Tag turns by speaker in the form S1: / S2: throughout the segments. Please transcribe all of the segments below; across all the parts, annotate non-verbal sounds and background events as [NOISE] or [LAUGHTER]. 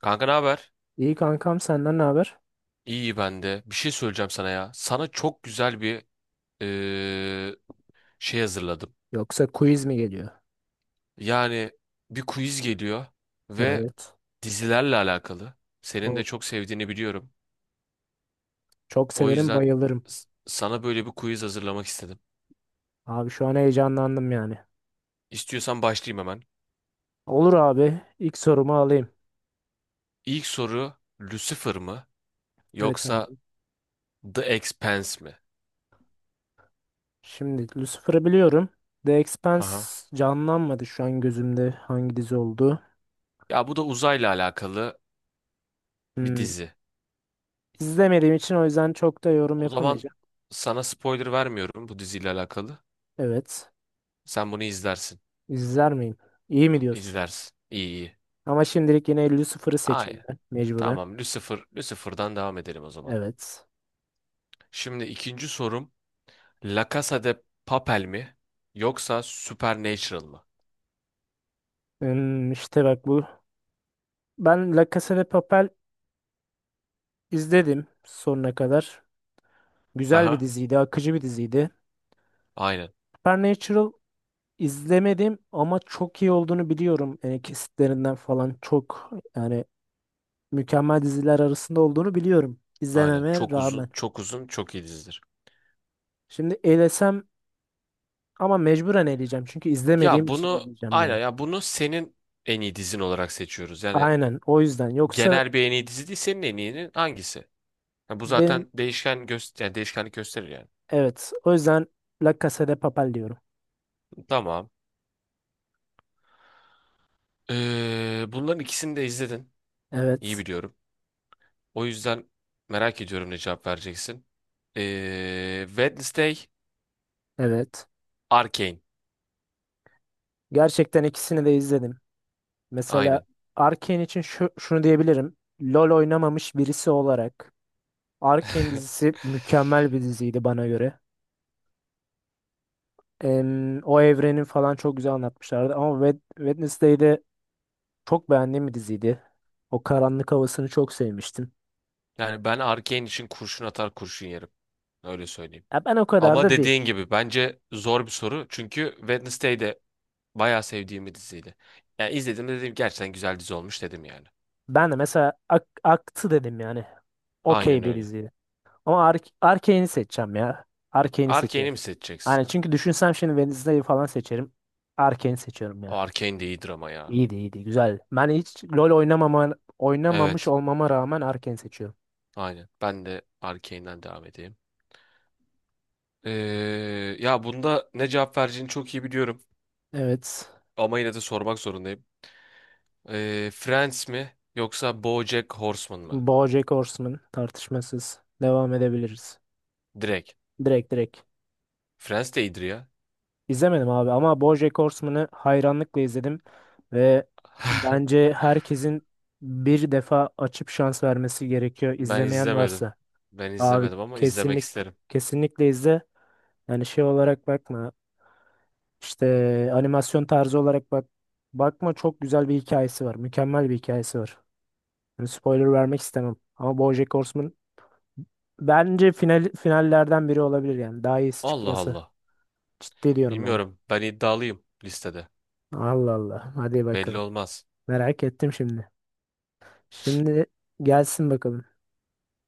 S1: Kanka, ne haber?
S2: İyi kankam senden ne haber?
S1: İyi ben de. Bir şey söyleyeceğim sana ya. Sana çok güzel bir eee, şey hazırladım.
S2: Yoksa quiz mi geliyor?
S1: Yani bir quiz geliyor ve
S2: Evet.
S1: dizilerle alakalı. Senin de
S2: O,
S1: çok sevdiğini biliyorum.
S2: çok
S1: O
S2: severim
S1: yüzden
S2: bayılırım.
S1: sana böyle bir quiz hazırlamak istedim.
S2: Abi şu an heyecanlandım yani.
S1: İstiyorsan başlayayım hemen.
S2: Olur abi. İlk sorumu alayım.
S1: İlk soru Lucifer mı
S2: Evet abi.
S1: yoksa The Expanse mi?
S2: Şimdi Lucifer'ı biliyorum. The
S1: Haha.
S2: Expanse canlanmadı şu an gözümde hangi dizi oldu.
S1: Ya bu da uzayla alakalı bir
S2: Hmm,
S1: dizi.
S2: izlemediğim için o yüzden çok da yorum
S1: O zaman
S2: yapamayacağım.
S1: sana spoiler vermiyorum bu diziyle alakalı.
S2: Evet.
S1: Sen bunu izlersin.
S2: İzler miyim? İyi mi diyorsun?
S1: İzlersin. İyi iyi.
S2: Ama şimdilik yine Lucifer'ı seçeyim
S1: Aynen.
S2: ben mecburen.
S1: Tamam. Lucifer, Lucifer'dan devam edelim o zaman.
S2: Evet.
S1: Şimdi ikinci sorum La Casa de Papel mi yoksa Supernatural mı?
S2: İşte bak bu. Ben La Casa de Papel İzledim sonuna kadar. Güzel bir
S1: Aha.
S2: diziydi, akıcı bir diziydi.
S1: Aynen.
S2: Supernatural izlemedim ama çok iyi olduğunu biliyorum. Yani kesitlerinden falan çok yani mükemmel diziler arasında olduğunu biliyorum.
S1: Aynen.
S2: İzlememe
S1: Çok
S2: rağmen.
S1: uzun, çok uzun, çok iyi dizidir.
S2: Şimdi elesem ama mecburen eleyeceğim. Çünkü izlemediğim
S1: Ya
S2: için
S1: bunu
S2: eleyeceğim
S1: aynen,
S2: ben.
S1: ya bunu senin en iyi dizin olarak seçiyoruz. Yani
S2: Aynen o yüzden. Yoksa
S1: genel bir en iyi dizi değil, senin en iyinin hangisi? Ya bu
S2: benim
S1: zaten değişken göster yani değişkenlik gösterir yani.
S2: evet o yüzden La Casa de Papel diyorum.
S1: Tamam. Bunların ikisini de izledin. İyi
S2: Evet.
S1: biliyorum. O yüzden merak ediyorum ne cevap vereceksin. Wednesday,
S2: Evet.
S1: Arcane.
S2: Gerçekten ikisini de izledim. Mesela
S1: Aynen.
S2: Arcane için şunu diyebilirim. LoL oynamamış birisi olarak Arcane
S1: [LAUGHS]
S2: dizisi mükemmel bir diziydi bana göre. O evrenin falan çok güzel anlatmışlardı ama Wednesday'de çok beğendiğim bir diziydi. O karanlık havasını çok sevmiştim.
S1: Yani ben Arcane için kurşun atar, kurşun yerim. Öyle söyleyeyim.
S2: Ya ben o kadar
S1: Ama
S2: da değil.
S1: dediğin gibi bence zor bir soru. Çünkü Wednesday de bayağı sevdiğim bir diziydi. Yani izledim de dedim gerçekten güzel dizi olmuş dedim yani.
S2: Ben de mesela aktı dedim yani.
S1: Aynen
S2: Okey bir
S1: öyle.
S2: diziydi. Ama Arcane'i seçeceğim ya. Arcane'i
S1: Arcane'i
S2: seçiyorum.
S1: mi seçeceksin?
S2: Yani çünkü düşünsem şimdi Wednesday'ı falan seçerim. Arcane'i seçiyorum
S1: O
S2: ya.
S1: Arcane de iyidir ama ya.
S2: İyiydi iyiydi güzel. Ben hiç LoL oynamamış
S1: Evet.
S2: olmama rağmen Arken seçiyorum.
S1: Aynen. Ben de Arcane'den devam edeyim. Ee, ya bunda ne cevap vereceğini çok iyi biliyorum.
S2: Evet.
S1: Ama yine de sormak zorundayım. Friends mi yoksa BoJack Horseman mı?
S2: BoJack Horseman tartışmasız. Devam edebiliriz.
S1: Direkt.
S2: Direkt direkt.
S1: Friends de iyidir ya.
S2: İzlemedim abi ama BoJack Horseman'ı hayranlıkla izledim. Ve
S1: [LAUGHS]
S2: bence herkesin bir defa açıp şans vermesi gerekiyor
S1: Ben
S2: izlemeyen
S1: izlemedim.
S2: varsa.
S1: Ben
S2: Abi
S1: izlemedim ama izlemek
S2: kesinlik
S1: isterim.
S2: kesinlikle izle. Yani şey olarak bakma. İşte animasyon tarzı olarak bak. Bakma çok güzel bir hikayesi var. Mükemmel bir hikayesi var. Yani spoiler vermek istemem. Ama BoJack Horseman bence finallerden biri olabilir yani. Daha iyisi
S1: Allah
S2: çıkması.
S1: Allah.
S2: Ciddi diyorum yani.
S1: Bilmiyorum. Ben iddialıyım listede.
S2: Allah Allah. Hadi
S1: Belli
S2: bakalım.
S1: olmaz.
S2: Merak ettim şimdi. Şimdi gelsin bakalım.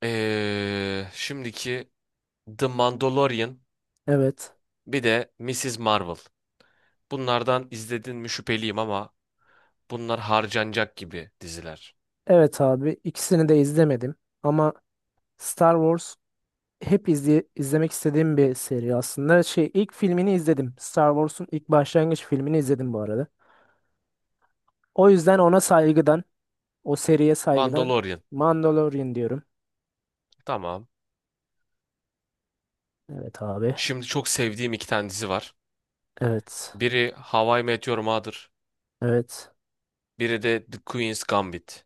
S1: Şimdiki The Mandalorian,
S2: Evet.
S1: bir de Mrs. Marvel. Bunlardan izledin mi şüpheliyim ama bunlar harcanacak gibi diziler.
S2: Evet abi. İkisini de izlemedim. Ama Star Wars hep izlemek istediğim bir seri aslında. Şey ilk filmini izledim. Star Wars'un ilk başlangıç filmini izledim bu arada. O yüzden ona saygıdan, o seriye saygıdan
S1: Mandalorian.
S2: Mandalorian diyorum.
S1: Tamam.
S2: Evet abi.
S1: Şimdi çok sevdiğim iki tane dizi var.
S2: Evet.
S1: Biri How I Met Your Mother.
S2: Evet.
S1: Biri de The Queen's Gambit.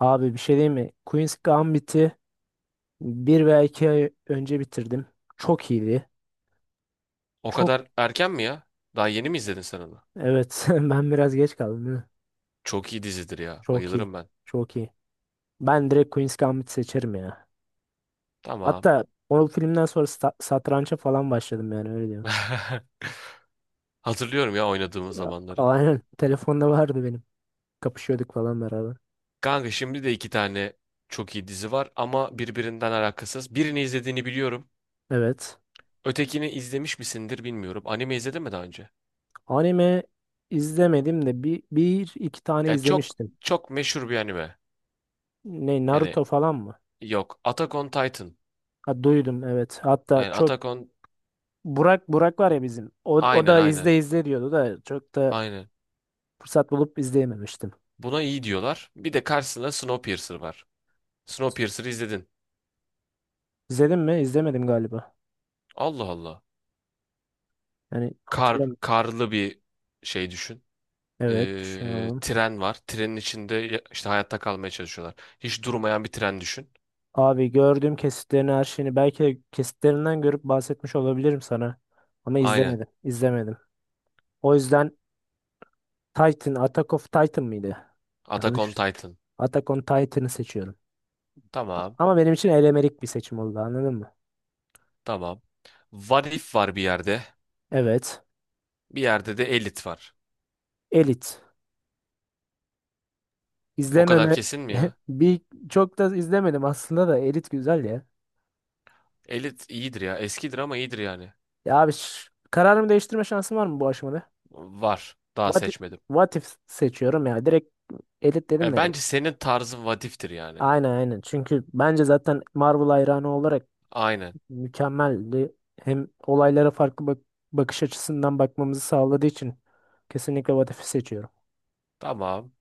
S2: Abi bir şey diyeyim mi? Queen's Gambit'i bir veya iki ay önce bitirdim. Çok iyiydi.
S1: O
S2: Çok
S1: kadar erken mi ya? Daha yeni mi izledin sen onu?
S2: evet [LAUGHS] ben biraz geç kaldım değil mi?
S1: Çok iyi dizidir ya.
S2: Çok iyi.
S1: Bayılırım ben.
S2: Çok iyi. Ben direkt Queen's Gambit seçerim ya.
S1: Tamam.
S2: Hatta o filmden sonra satrança falan başladım yani öyle diyorum.
S1: [LAUGHS] Hatırlıyorum ya oynadığımız
S2: A-
S1: zamanları.
S2: Aynen. [LAUGHS] Telefonda vardı benim. Kapışıyorduk falan beraber.
S1: Kanka, şimdi de iki tane çok iyi dizi var ama birbirinden alakasız. Birini izlediğini biliyorum.
S2: Evet.
S1: Ötekini izlemiş misindir bilmiyorum. Anime izledin mi daha önce?
S2: Anime izlemedim de bir iki tane
S1: Ya çok
S2: izlemiştim.
S1: çok meşhur bir anime.
S2: Ne
S1: Yani
S2: Naruto falan mı?
S1: yok. Attack on Titan.
S2: Ha, duydum evet. Hatta
S1: Yani
S2: çok
S1: Attack on...
S2: Burak var ya bizim. O
S1: Aynen
S2: da izle
S1: aynen.
S2: izle diyordu da çok da
S1: Aynen.
S2: fırsat bulup izleyememiştim.
S1: Buna iyi diyorlar. Bir de karşısında Snowpiercer var. Snowpiercer'ı izledin.
S2: İzledim mi? İzlemedim galiba.
S1: Allah Allah.
S2: Yani hatırlamıyorum.
S1: Karlı bir şey düşün.
S2: Evet düşünüyorum.
S1: Tren var. Trenin içinde işte hayatta kalmaya çalışıyorlar. Hiç durmayan bir tren düşün.
S2: Abi gördüğüm kesitlerini her şeyini belki de kesitlerinden görüp bahsetmiş olabilirim sana. Ama
S1: Aynen.
S2: izlemedim. İzlemedim. O yüzden Titan, Attack of Titan mıydı?
S1: Attack on
S2: Yanlış.
S1: Titan.
S2: Attack on Titan'ı seçiyorum. A-
S1: Tamam.
S2: Ama benim için elemelik bir seçim oldu anladın mı?
S1: Tamam. What If var bir yerde.
S2: Evet.
S1: Bir yerde de Elite var.
S2: Elite.
S1: O kadar
S2: İzlememe
S1: kesin mi
S2: [LAUGHS]
S1: ya?
S2: bir çok da izlemedim aslında da Elit güzel ya.
S1: Elite iyidir ya. Eskidir ama iyidir yani.
S2: Ya abi kararımı değiştirme şansım var mı bu aşamada?
S1: Var. Daha
S2: What,
S1: seçmedim.
S2: What If seçiyorum ya. Direkt Elit dedim
S1: Ya
S2: de.
S1: bence senin tarzın What If'tir yani.
S2: Aynen aynen. Çünkü bence zaten Marvel hayranı olarak
S1: Aynen.
S2: mükemmeldi. Hem olaylara farklı bakış açısından bakmamızı sağladığı için kesinlikle What If'i seçiyorum.
S1: Tamam.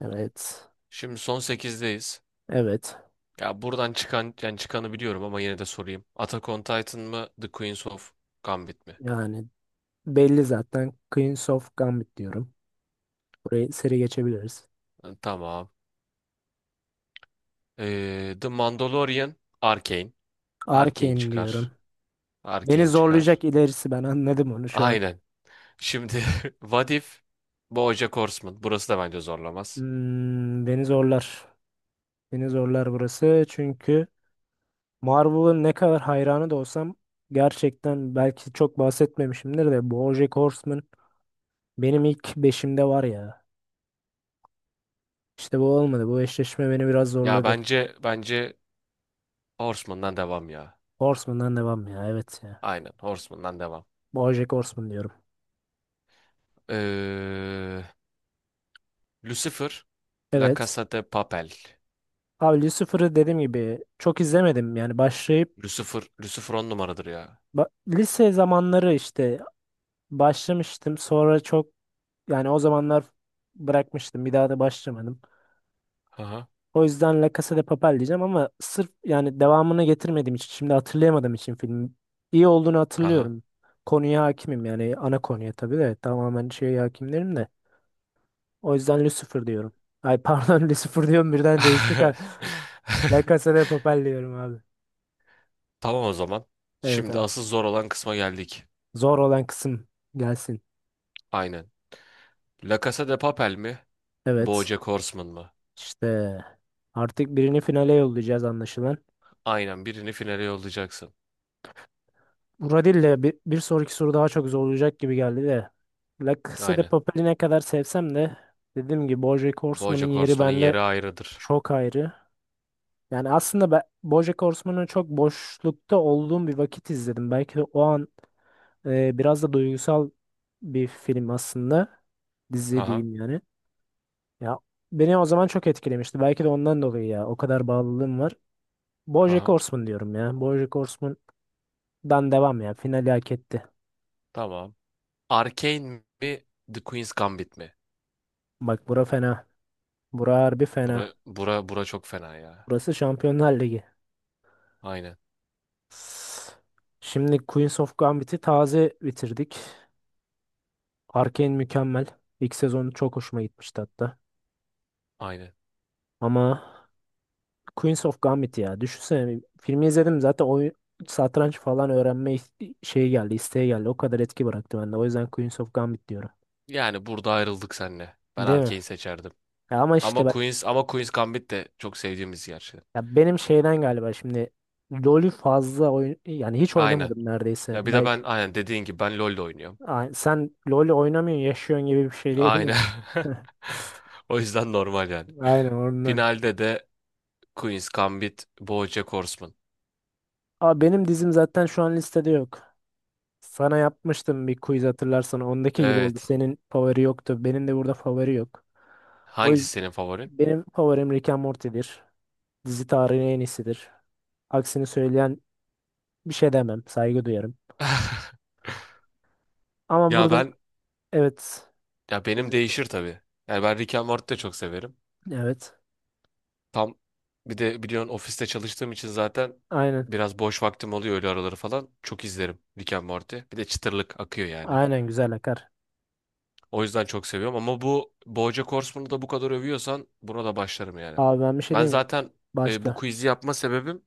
S2: Evet.
S1: Şimdi son sekizdeyiz.
S2: Evet.
S1: Ya buradan çıkan, yani çıkanı biliyorum ama yine de sorayım. Attack on Titan mı, The Queens of Gambit mi?
S2: Yani belli zaten. Queens of Gambit diyorum. Burayı seri geçebiliriz.
S1: Ha, tamam. The Mandalorian, Arcane. Arcane
S2: Arcane diyorum.
S1: çıkar.
S2: Beni
S1: Arcane çıkar.
S2: zorlayacak ilerisi ben anladım onu şu an.
S1: Aynen. Şimdi [LAUGHS] What If, BoJack Horseman. Burası da bence zorlamaz.
S2: Beni zorlar. Beni zorlar burası. Çünkü Marvel'ın ne kadar hayranı da olsam gerçekten belki çok bahsetmemişimdir de BoJack Horseman benim ilk beşimde var ya. İşte bu olmadı. Bu eşleşme beni biraz
S1: Ya
S2: zorladı.
S1: bence bence Horseman'dan devam ya.
S2: Horseman'dan devam ya. Evet ya.
S1: Aynen Horseman'dan devam.
S2: BoJack Horseman diyorum.
S1: Ee, Lucifer, La
S2: Evet.
S1: Casa de Papel.
S2: Abi Lucifer'ı dediğim gibi çok izlemedim. Yani başlayıp
S1: Lucifer, Lucifer on numaradır ya.
S2: lise zamanları işte başlamıştım. Sonra çok yani o zamanlar bırakmıştım. Bir daha da başlamadım.
S1: Aha.
S2: O yüzden La Casa de Papel diyeceğim ama sırf yani devamını getirmediğim için şimdi hatırlayamadığım için filmin iyi olduğunu
S1: Haha.
S2: hatırlıyorum. Konuya hakimim yani ana konuya tabii de tamamen şeye hakimlerim de. O yüzden Lucifer diyorum. Ay pardon [LAUGHS] Lucifer diyorum birden değiştik. Ha. La Casa
S1: [LAUGHS]
S2: de Papel diyorum abi.
S1: Tamam o zaman.
S2: Evet
S1: Şimdi
S2: abi.
S1: asıl zor olan kısma geldik.
S2: Zor olan kısım gelsin.
S1: Aynen. La Casa de Papel mi?
S2: Evet.
S1: BoJack Horseman mı?
S2: İşte artık birini finale yollayacağız anlaşılan.
S1: Aynen, birini finale yollayacaksın.
S2: Buradille bir sonraki soru daha çok zor olacak gibi geldi de. La Casa de
S1: Aynen.
S2: Papel'i ne kadar sevsem de dediğim gibi BoJack Horseman'ın
S1: BoJack
S2: yeri
S1: Horseman'ın
S2: bende
S1: yeri ayrıdır.
S2: çok ayrı. Yani aslında ben BoJack Horseman'ı çok boşlukta olduğum bir vakit izledim. Belki de o an biraz da duygusal bir film aslında. Dizi
S1: Haha.
S2: diyeyim yani. Ya beni o zaman çok etkilemişti. Belki de ondan dolayı ya. O kadar bağlılığım var. BoJack
S1: Haha.
S2: Horseman diyorum ya. BoJack Horseman'dan devam ya. Finali hak etti.
S1: Tamam. Arcane mi? The Queen's Gambit mi?
S2: Bak bura fena. Bura harbi fena.
S1: Bura çok fena ya.
S2: Burası Şampiyonlar Ligi.
S1: Aynen.
S2: Şimdi Queens of Gambit'i taze bitirdik. Arcane mükemmel. İlk sezonu çok hoşuma gitmişti hatta.
S1: Aynen.
S2: Ama Queens of Gambit ya. Düşünsene filmi izledim zaten oyun satranç falan öğrenme şeyi geldi, isteği geldi. O kadar etki bıraktı bende. O yüzden Queens of Gambit diyorum.
S1: Yani burada ayrıldık seninle. Ben
S2: Değil mi?
S1: Arcane seçerdim.
S2: Ya ama işte
S1: Ama
S2: ben,
S1: Ama Queen's Gambit de çok sevdiğimiz
S2: ya
S1: gerçekten.
S2: benim şeyden galiba şimdi LoL'ü fazla oyun yani hiç
S1: Aynen.
S2: oynamadım neredeyse.
S1: Ya bir de
S2: Belki
S1: ben aynen dediğin gibi ben LoL'de oynuyorum.
S2: Ay, sen LoL oynamıyorsun, yaşıyorsun gibi bir şey
S1: Aynen.
S2: diyebilirim.
S1: [LAUGHS]
S2: [LAUGHS]
S1: O yüzden normal yani.
S2: Aynen oradan.
S1: Finalde de Queen's Gambit, BoJack Horseman.
S2: Aa, benim dizim zaten şu an listede yok. Sana yapmıştım bir quiz hatırlarsan. Ondaki gibi oldu.
S1: Evet.
S2: Senin favori yoktu. Benim de burada favori yok. O
S1: Hangisi
S2: yüzden
S1: senin favorin?
S2: benim favorim Rick and Morty'dir. Dizi tarihinin en iyisidir. Aksini söyleyen bir şey demem. Saygı duyarım.
S1: [LAUGHS]
S2: Ama
S1: Ya
S2: burada
S1: ben
S2: evet.
S1: ya benim
S2: Sözünü
S1: değişir
S2: kestim.
S1: tabii. Yani ben Rick and Morty'yi de çok severim.
S2: Evet.
S1: Tam bir de biliyorsun ofiste çalıştığım için zaten
S2: Aynen.
S1: biraz boş vaktim oluyor, öyle araları falan. Çok izlerim Rick and Morty. Bir de çıtırlık akıyor yani.
S2: Aynen güzel akar.
S1: O yüzden çok seviyorum ama bu BoJack Horseman'ı da bu kadar övüyorsan buna da başlarım yani.
S2: Abi ben bir şey
S1: Ben
S2: diyeyim mi?
S1: zaten bu
S2: Başla.
S1: quiz'i yapma sebebim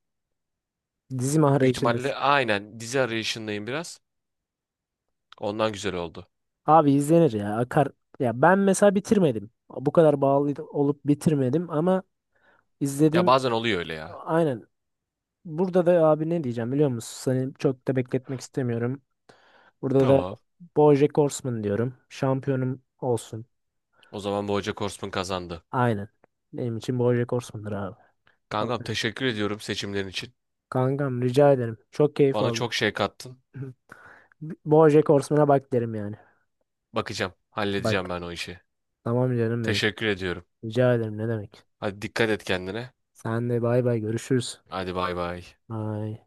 S2: Dizi
S1: büyük ihtimalle
S2: mahrajındasın.
S1: aynen dizi arayışındayım biraz. Ondan güzel oldu.
S2: Abi izlenir ya. Akar. Ya ben mesela bitirmedim. Bu kadar bağlı olup bitirmedim ama
S1: Ya
S2: izledim.
S1: bazen oluyor öyle ya.
S2: Aynen. Burada da abi ne diyeceğim biliyor musun? Seni çok da bekletmek istemiyorum. Burada da
S1: Tamam.
S2: BoJack Horseman diyorum. Şampiyonum olsun.
S1: O zaman BoJack Horseman kazandı.
S2: Aynen. Benim için BoJack Horseman'dır abi.
S1: Kankam,
S2: Okey.
S1: teşekkür ediyorum seçimlerin için.
S2: Kankam rica ederim. Çok keyif
S1: Bana
S2: aldım.
S1: çok şey kattın.
S2: [LAUGHS] BoJack Horseman'a bak derim yani.
S1: Bakacağım, halledeceğim
S2: Bak.
S1: ben o işi.
S2: Tamam canım benim.
S1: Teşekkür ediyorum.
S2: Rica ederim ne demek.
S1: Hadi dikkat et kendine.
S2: Sen de bay bay görüşürüz.
S1: Hadi bay bay.
S2: Bye.